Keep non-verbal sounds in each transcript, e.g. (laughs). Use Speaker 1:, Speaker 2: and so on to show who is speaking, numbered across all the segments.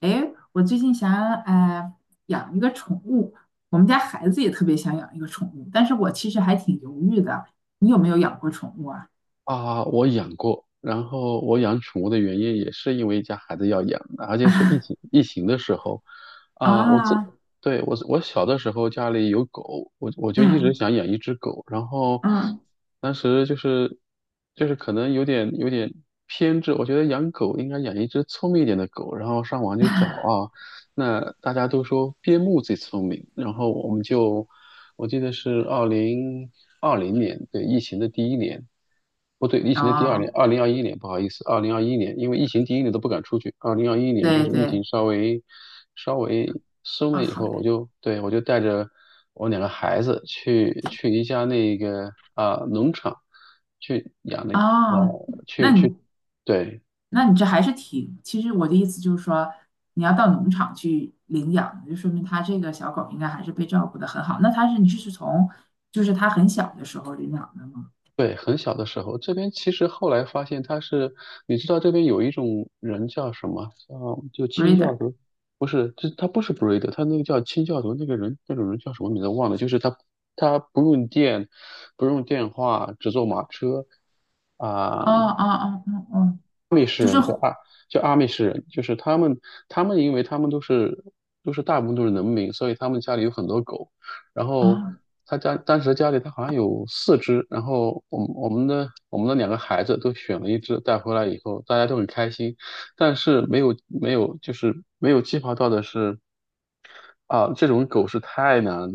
Speaker 1: 诶，我最近想呃养一个宠物，我们家孩子也特别想养一个宠物，但是我其实还挺犹豫的。你有没有养过宠物啊？
Speaker 2: 啊，我养过，然后我养宠物的原因也是因为家孩子要养，而且是疫情
Speaker 1: (laughs)
Speaker 2: 疫情的时候，啊，
Speaker 1: 啊，
Speaker 2: 对，我小的时候家里有狗，我就一直
Speaker 1: 嗯
Speaker 2: 想养一只狗，然后
Speaker 1: 嗯，
Speaker 2: 当时就是可能有点偏执，我觉得养狗应该养一只聪明一点的狗，然后上网就找
Speaker 1: (laughs)
Speaker 2: 啊，那大家都说边牧最聪明，然后我们就，我记得是2020年，对，疫情的第一年，不对，疫情的第二年，
Speaker 1: 啊，
Speaker 2: 二零二一年，不好意思，二零二一年，因为疫情第一年都不敢出去，二零二一年就
Speaker 1: 对
Speaker 2: 是疫
Speaker 1: 对，
Speaker 2: 情稍微松
Speaker 1: 啊，
Speaker 2: 了以
Speaker 1: 好
Speaker 2: 后，我
Speaker 1: 的，
Speaker 2: 就，对，我就带着我两个孩子去一家那个农场去养那，
Speaker 1: 啊，那你
Speaker 2: 对。
Speaker 1: 那你这还是挺，其实我的意思就是说，你要到农场去领养，就说明它这个小狗应该还是被照顾的很好。那它是你是从就是它很小的时候领养的吗
Speaker 2: 对，很小的时候，这边其实后来发现他是，你知道这边有一种人叫什么？叫就清教
Speaker 1: ？Breeder，
Speaker 2: 徒，不是，这他不是 breed，他那个叫清教徒那个人，那种人叫什么名字忘了，就是他他不用电，不用电话，只坐马车
Speaker 1: 哦
Speaker 2: 啊、
Speaker 1: 哦哦哦哦。就是
Speaker 2: 就阿美士人，就是他们，他们因为他们都是大部分都是农民，所以他们家里有很多狗。然后
Speaker 1: 啊，
Speaker 2: 他家当时家里他好像有四只，然后我们的两个孩子都选了一只带回来以后，大家都很开心。但是没有就是没有计划到的是，啊，这种狗是太难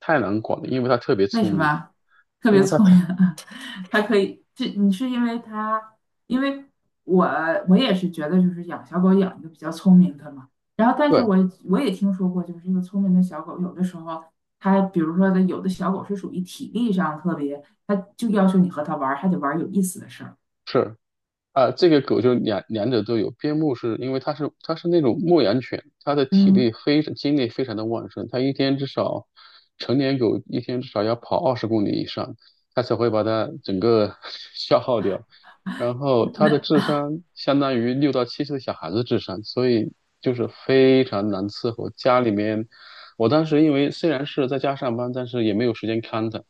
Speaker 2: 太难管了，因为它特别
Speaker 1: 为
Speaker 2: 聪
Speaker 1: 什么
Speaker 2: 明，
Speaker 1: 啊特
Speaker 2: 因
Speaker 1: 别
Speaker 2: 为它
Speaker 1: 聪明
Speaker 2: 太
Speaker 1: 啊？(laughs) 它可以，这你是因为它，因为我我也是觉得，就是养小狗养一个比较聪明的嘛。然后，但是
Speaker 2: 对，
Speaker 1: 我也听说过，就是这个聪明的小狗，有的时候它，比如说的，有的小狗是属于体力上特别，它就要求你和它玩儿，还得玩儿有意思的事儿
Speaker 2: 是。啊，这个狗就两者都有。边牧是因为它是那种牧羊犬，它的体
Speaker 1: 嗯，
Speaker 2: 力非常精力非常的旺盛，它一天至少成年狗一天至少要跑20公里以上，它才会把它整个 (laughs) 消耗掉。然后它的
Speaker 1: 那
Speaker 2: 智商相当于6到7岁小孩子智商，所以就是非常难伺候。家里面，我当时因为虽然是在家上班，但是也没有时间看它，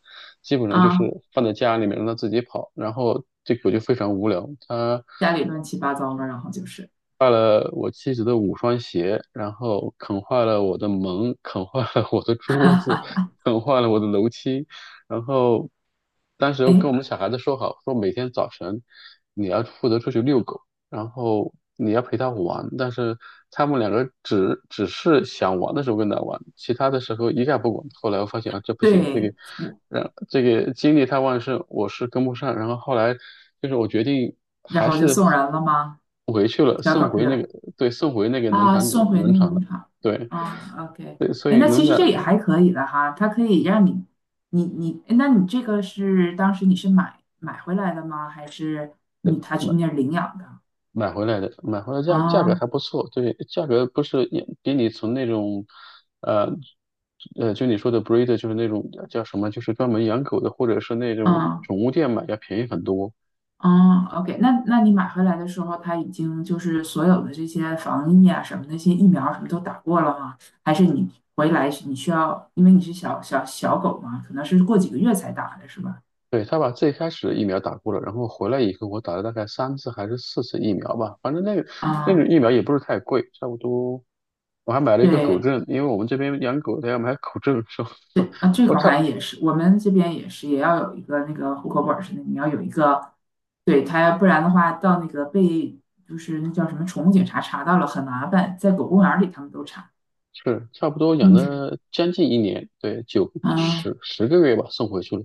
Speaker 2: 基本上就是
Speaker 1: 啊，
Speaker 2: 放在家里面让它自己跑，然后这狗就非常无聊，它。
Speaker 1: 家里乱七八糟的，然后就是，
Speaker 2: 坏了我妻子的五双鞋，然后啃坏了我的门，啃坏了我的桌子，啃坏了我的楼梯。然后当时又
Speaker 1: 哎，
Speaker 2: 跟我们小孩子说好，说每天早晨你要负责出去遛狗。然后你要陪他玩，但是他们两个只是想玩的时候跟他玩，其他的时候一概不管。后来我发现啊，这不行，这个，
Speaker 1: 对，我
Speaker 2: 让这个精力太旺盛，我是跟不上。然后后来就是我决定
Speaker 1: 然
Speaker 2: 还
Speaker 1: 后就
Speaker 2: 是
Speaker 1: 送人了吗？
Speaker 2: 回去了，
Speaker 1: 小
Speaker 2: 送
Speaker 1: 狗
Speaker 2: 回那
Speaker 1: 这。
Speaker 2: 个，对，送回那个农
Speaker 1: 啊，
Speaker 2: 场
Speaker 1: 送
Speaker 2: 主
Speaker 1: 回
Speaker 2: 农
Speaker 1: 那个
Speaker 2: 场
Speaker 1: 农
Speaker 2: 了。
Speaker 1: 场
Speaker 2: 对
Speaker 1: 啊，OK，
Speaker 2: 对，所
Speaker 1: 哎，
Speaker 2: 以
Speaker 1: 那其
Speaker 2: 农
Speaker 1: 实
Speaker 2: 场。
Speaker 1: 这也还可以的哈，它可以让你，你，诶那你这个是当时你是买回来的吗？还是你他去那儿领养的？
Speaker 2: 买回来的，买回来价格
Speaker 1: 啊
Speaker 2: 还不错，对，价格不是也比你从那种，呃，就你说的 breed 就是那种叫什么，就是专门养狗的，或者是那种
Speaker 1: 啊
Speaker 2: 宠物店买要便宜很多。
Speaker 1: 啊，OK，那你买回来的时候，它已经就是所有的这些防疫啊什么那些疫苗什么都打过了吗？还是你回来你需要，因为你是小狗嘛，可能是过几个月才打的是吧？
Speaker 2: 对，他把最开始的疫苗打过了，然后回来以后我打了大概三次还是四次疫苗吧，反正那个那种
Speaker 1: 啊，
Speaker 2: 疫苗也不是太贵，差不多。我还买了一个狗
Speaker 1: 对
Speaker 2: 证，因为我们这边养狗的要买狗证，是吧？
Speaker 1: 对，啊，
Speaker 2: (laughs)
Speaker 1: 这
Speaker 2: 我
Speaker 1: 块儿
Speaker 2: 差
Speaker 1: 好像也是，我们这边也是，也要有一个那个户口本儿似的，你要有一个，对他，要不然的话，到那个被就是那叫什么宠物警察查到了，很麻烦，在狗公园儿里他们都查。
Speaker 2: 是差不多养
Speaker 1: 嗯。
Speaker 2: 了将近一年，对，九
Speaker 1: 嗯，
Speaker 2: 十十个月吧，送回去了。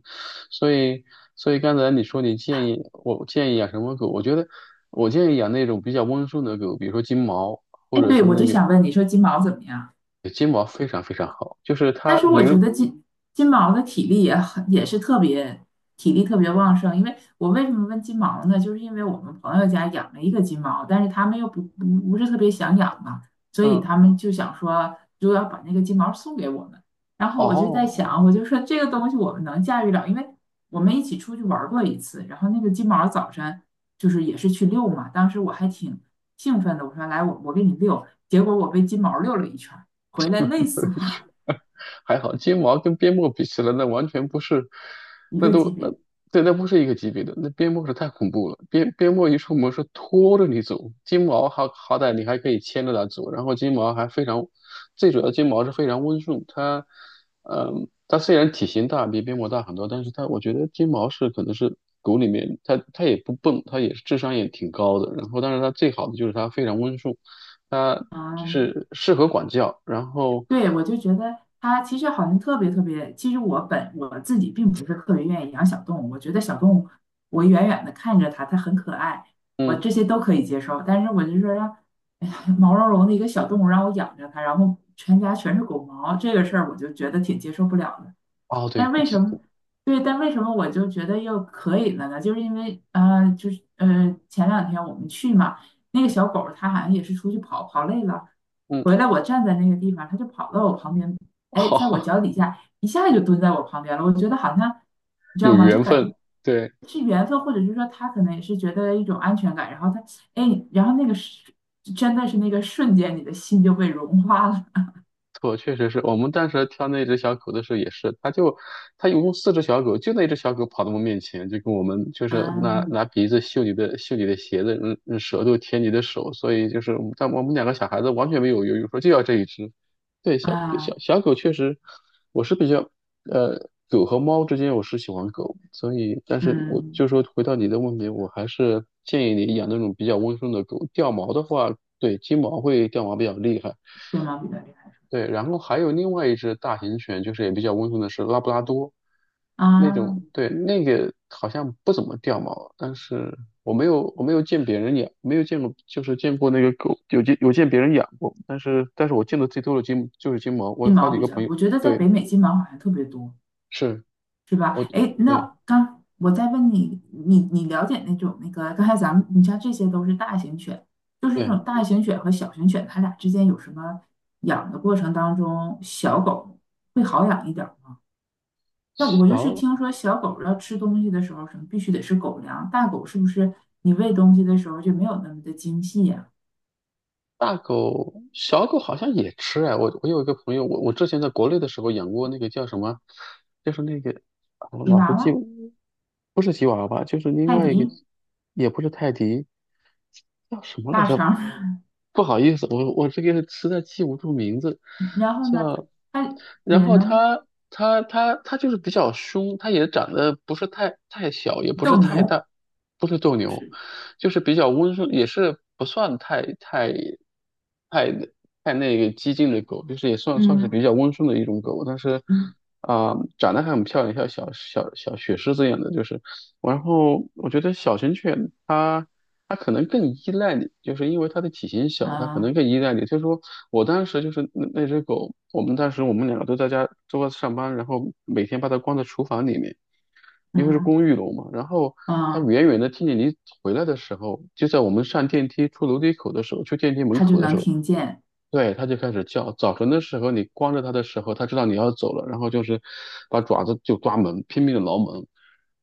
Speaker 2: 所以，所以刚才你说你建议我建议养什么狗，我觉得我建议养那种比较温顺的狗，比如说金毛，或
Speaker 1: 哎，
Speaker 2: 者
Speaker 1: 对，
Speaker 2: 是
Speaker 1: 我
Speaker 2: 那
Speaker 1: 就
Speaker 2: 个
Speaker 1: 想问你说金毛怎么样？
Speaker 2: 金毛非常非常好，就是
Speaker 1: 但
Speaker 2: 它，
Speaker 1: 是我觉得金毛的体力也很也是特别体力特别旺盛，因为我为什么问金毛呢？就是因为我们朋友家养了一个金毛，但是他们又不是特别想养嘛，所以
Speaker 2: 嗯，
Speaker 1: 他们就想说就要把那个金毛送给我们。然后我就在
Speaker 2: 哦，
Speaker 1: 想，我就说这个东西我们能驾驭了，因为我们一起出去玩过一次，然后那个金毛早晨就是也是去遛嘛，当时我还挺兴奋的，我说来我给你遛，结果我被金毛遛了一圈回来累死我，
Speaker 2: 还好，金毛跟边牧比起来，那完全不是，
Speaker 1: 一
Speaker 2: 那
Speaker 1: 个级
Speaker 2: 都那
Speaker 1: 别。
Speaker 2: 对，那不是一个级别的。那边牧是太恐怖了，边牧一出门是拖着你走，金毛好歹你还可以牵着它走，然后金毛还非常，最主要金毛是非常温顺，它，嗯，它虽然体型大比边牧大很多，但是它我觉得金毛是可能是狗里面它也不笨，它也是智商也挺高的，然后但是它最好的就是它非常温顺，它就
Speaker 1: 啊，
Speaker 2: 是适合管教，然后。
Speaker 1: 对，我就觉得它其实好像特别特别。其实我自己并不是特别愿意养小动物，我觉得小动物，我远远的看着它，它很可爱，我
Speaker 2: 嗯。
Speaker 1: 这些都可以接受。但是我就说让，哎呀毛茸茸的一个小动物让我养着它，然后全家全是狗毛，这个事儿我就觉得挺接受不了的。
Speaker 2: 哦，对，
Speaker 1: 但
Speaker 2: 雨
Speaker 1: 为什
Speaker 2: 天。
Speaker 1: 么对？但为什么我就觉得又可以了呢？就是因为就是前两天我们去嘛，那个小狗儿它好像也是出去跑，跑累了，
Speaker 2: 嗯。
Speaker 1: 回来我站在那个地方，它就跑到我旁边，
Speaker 2: (laughs)
Speaker 1: 哎，在我
Speaker 2: 好，
Speaker 1: 脚底下一下就蹲在我旁边了。我觉得好像你知
Speaker 2: 有
Speaker 1: 道吗？就
Speaker 2: 缘
Speaker 1: 感
Speaker 2: 分，
Speaker 1: 觉
Speaker 2: 对。
Speaker 1: 是缘分，或者是说它可能也是觉得一种安全感，然后它哎，然后那个是真的是那个瞬间，你的心就被融化了。
Speaker 2: 错，确实是我们当时挑那只小狗的时候也是，它就它一共四只小狗，就那只小狗跑到我们面前，就跟我们就是拿
Speaker 1: 嗯
Speaker 2: 拿鼻子嗅你的鞋子，嗯，舌头舔你的手，所以就是我们但我们两个小孩子完全没有犹豫，说就要这一只。对，小小
Speaker 1: 啊
Speaker 2: 小狗确实，我是比较狗和猫之间我是喜欢狗，所以但是我
Speaker 1: 嗯，
Speaker 2: 就说回到你的问题，我还是建议你养那种比较温顺的狗，掉毛的话，对，金毛会掉毛比较厉害。
Speaker 1: 对吗？比较厉害。
Speaker 2: 对，然后还有另外一只大型犬，就是也比较温顺的是拉布拉多，那
Speaker 1: 啊，
Speaker 2: 种，对，那个好像不怎么掉毛，但是我没有见别人养，没有见过，就是见过那个狗，有见别人养过，但是我见的最多的就是金毛，我有
Speaker 1: 金
Speaker 2: 好
Speaker 1: 毛
Speaker 2: 几
Speaker 1: 比
Speaker 2: 个
Speaker 1: 较，
Speaker 2: 朋友，
Speaker 1: 我觉得在
Speaker 2: 对，
Speaker 1: 北美金毛好像特别多，
Speaker 2: 是
Speaker 1: 是吧？
Speaker 2: 我
Speaker 1: 哎，
Speaker 2: 对
Speaker 1: 那刚我再问你，你了解那种那个刚才咱们你像这些都是大型犬，就是这
Speaker 2: 对，
Speaker 1: 种大型犬和小型犬，它俩之间有什么养的过程当中，小狗会好养一点儿吗？但我就是
Speaker 2: 小
Speaker 1: 听说小狗要吃东西的时候，什么必须得是狗粮，大狗是不是你喂东西的时候就没有那么的精细呀、
Speaker 2: 大狗、小狗好像也吃哎，我我有一个朋友，我之前在国内的时候养过那个叫什么，就是那个，啊我
Speaker 1: 吉
Speaker 2: 老
Speaker 1: 娃
Speaker 2: 是记
Speaker 1: 娃、
Speaker 2: 不是吉娃娃就是另
Speaker 1: 泰
Speaker 2: 外一个，
Speaker 1: 迪、
Speaker 2: 也不是泰迪，叫什么来
Speaker 1: 腊
Speaker 2: 着？
Speaker 1: 肠儿
Speaker 2: 不好意思，我这个实在记不住名字，
Speaker 1: (laughs) 然后呢，它
Speaker 2: 叫，
Speaker 1: 它
Speaker 2: 然
Speaker 1: 也
Speaker 2: 后
Speaker 1: 能。
Speaker 2: 它就是比较凶，它也长得不是太小，也不是
Speaker 1: 斗
Speaker 2: 太
Speaker 1: 牛，
Speaker 2: 大，不是斗
Speaker 1: 就
Speaker 2: 牛。
Speaker 1: 是
Speaker 2: 就是比较温顺，也是不算太太那个激进的狗，就是也算是
Speaker 1: 嗯
Speaker 2: 比较温顺的一种狗，但是
Speaker 1: 嗯
Speaker 2: 啊、长得还很漂亮，像小雪狮子一样的，就是。然后我觉得小型犬它可能更依赖你，就是因为它的体型小，它可能
Speaker 1: 啊
Speaker 2: 更依赖你。就是说我当时就是那只狗，我们当时我们两个都在家都在上班，然后每天把它关在厨房里面。因为是
Speaker 1: 嗯
Speaker 2: 公寓楼嘛，然后他
Speaker 1: 啊，
Speaker 2: 远远的听见你回来的时候，就在我们上电梯出楼梯口的时候，去电梯门
Speaker 1: 他就
Speaker 2: 口的时
Speaker 1: 能
Speaker 2: 候，
Speaker 1: 听见，
Speaker 2: 对，他就开始叫。早晨的时候，你光着他的时候，他知道你要走了，然后就是把爪子就抓门，拼命的挠门，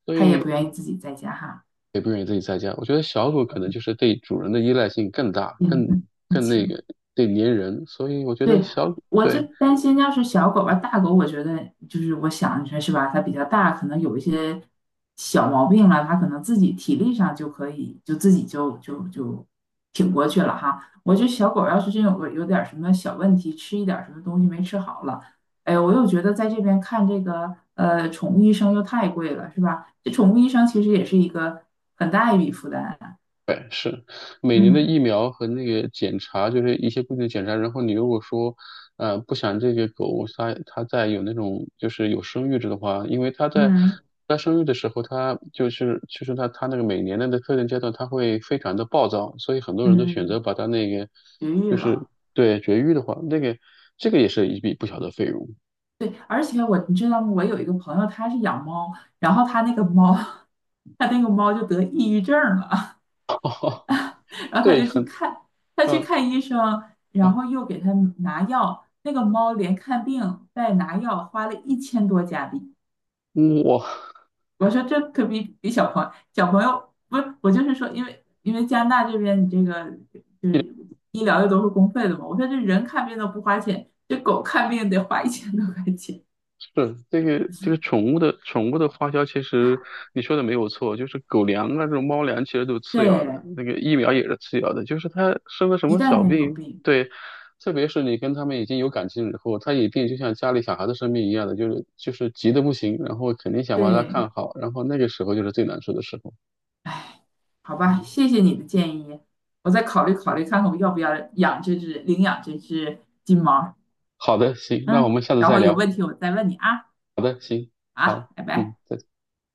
Speaker 2: 所
Speaker 1: 他也不
Speaker 2: 以
Speaker 1: 愿意自己在家哈，
Speaker 2: 也不愿意自己在家。我觉得小狗可能就是对主人的依赖性更大，
Speaker 1: 也
Speaker 2: 更
Speaker 1: 能听
Speaker 2: 更那
Speaker 1: 见。
Speaker 2: 个，对粘人，所以我觉得
Speaker 1: 对，
Speaker 2: 小，
Speaker 1: 我就
Speaker 2: 对。
Speaker 1: 担心，要是小狗吧，大狗，我觉得就是我想着是吧，它比较大，可能有一些小毛病了，它可能自己体力上就可以，就自己就挺过去了哈。我觉得小狗要是真有个有点儿什么小问题，吃一点儿什么东西没吃好了，哎，我又觉得在这边看这个宠物医生又太贵了，是吧？这宠物医生其实也是一个很大一笔负担啊
Speaker 2: 对，是每年的疫
Speaker 1: 嗯
Speaker 2: 苗和那个检查，就是一些固定的检查。然后你如果说，不想这个狗它再有那种就是有生育制的话，因为它在
Speaker 1: 嗯
Speaker 2: 它生育的时候，它就是它那个每年的那特定阶段，它会非常的暴躁，所以很多人都选择
Speaker 1: 嗯，
Speaker 2: 把它那个
Speaker 1: 绝育
Speaker 2: 就是
Speaker 1: 了。
Speaker 2: 对绝育的话，那个这个也是一笔不小的费用。
Speaker 1: 对，而且我你知道吗？我有一个朋友，他是养猫，然后他那个猫，(laughs) 他那个猫就得抑郁症了，
Speaker 2: (laughs)
Speaker 1: (laughs) 然后他
Speaker 2: 对，
Speaker 1: 就去看，他去
Speaker 2: 嗯
Speaker 1: 看医生，然后又给他拿药，那个猫连看病带拿药花了一千多加币。
Speaker 2: 嗯，我
Speaker 1: 我说这可比小朋友不是，我就是说，因为加拿大这边你这个就是医疗又都是公费的嘛，我说这人看病都不花钱，这狗看病得花一千多块钱，
Speaker 2: 是这个这个宠物的花销，其实
Speaker 1: (laughs)
Speaker 2: 你说的没有错，就是狗粮啊，这种猫粮其实都是次要的，
Speaker 1: 对，
Speaker 2: 那个疫苗也是次要的，就是它生了什
Speaker 1: 一
Speaker 2: 么
Speaker 1: 旦
Speaker 2: 小
Speaker 1: 间有
Speaker 2: 病，
Speaker 1: 病。
Speaker 2: 对，特别是你跟他们已经有感情以后，它一定就像家里小孩的生病一样的，就是急得不行，然后肯定想把它
Speaker 1: 对，
Speaker 2: 看好，然后那个时候就是最难受的时候。
Speaker 1: 好吧，
Speaker 2: 嗯，
Speaker 1: 谢谢你的建议，我再考虑考虑看看我要不要养这只领养这只金毛儿
Speaker 2: 好的，行，那我
Speaker 1: 嗯，
Speaker 2: 们下次
Speaker 1: 然
Speaker 2: 再
Speaker 1: 后有
Speaker 2: 聊。
Speaker 1: 问题我再问你啊
Speaker 2: 好的，行，好，
Speaker 1: 啊，拜
Speaker 2: 嗯，
Speaker 1: 拜。
Speaker 2: 再见。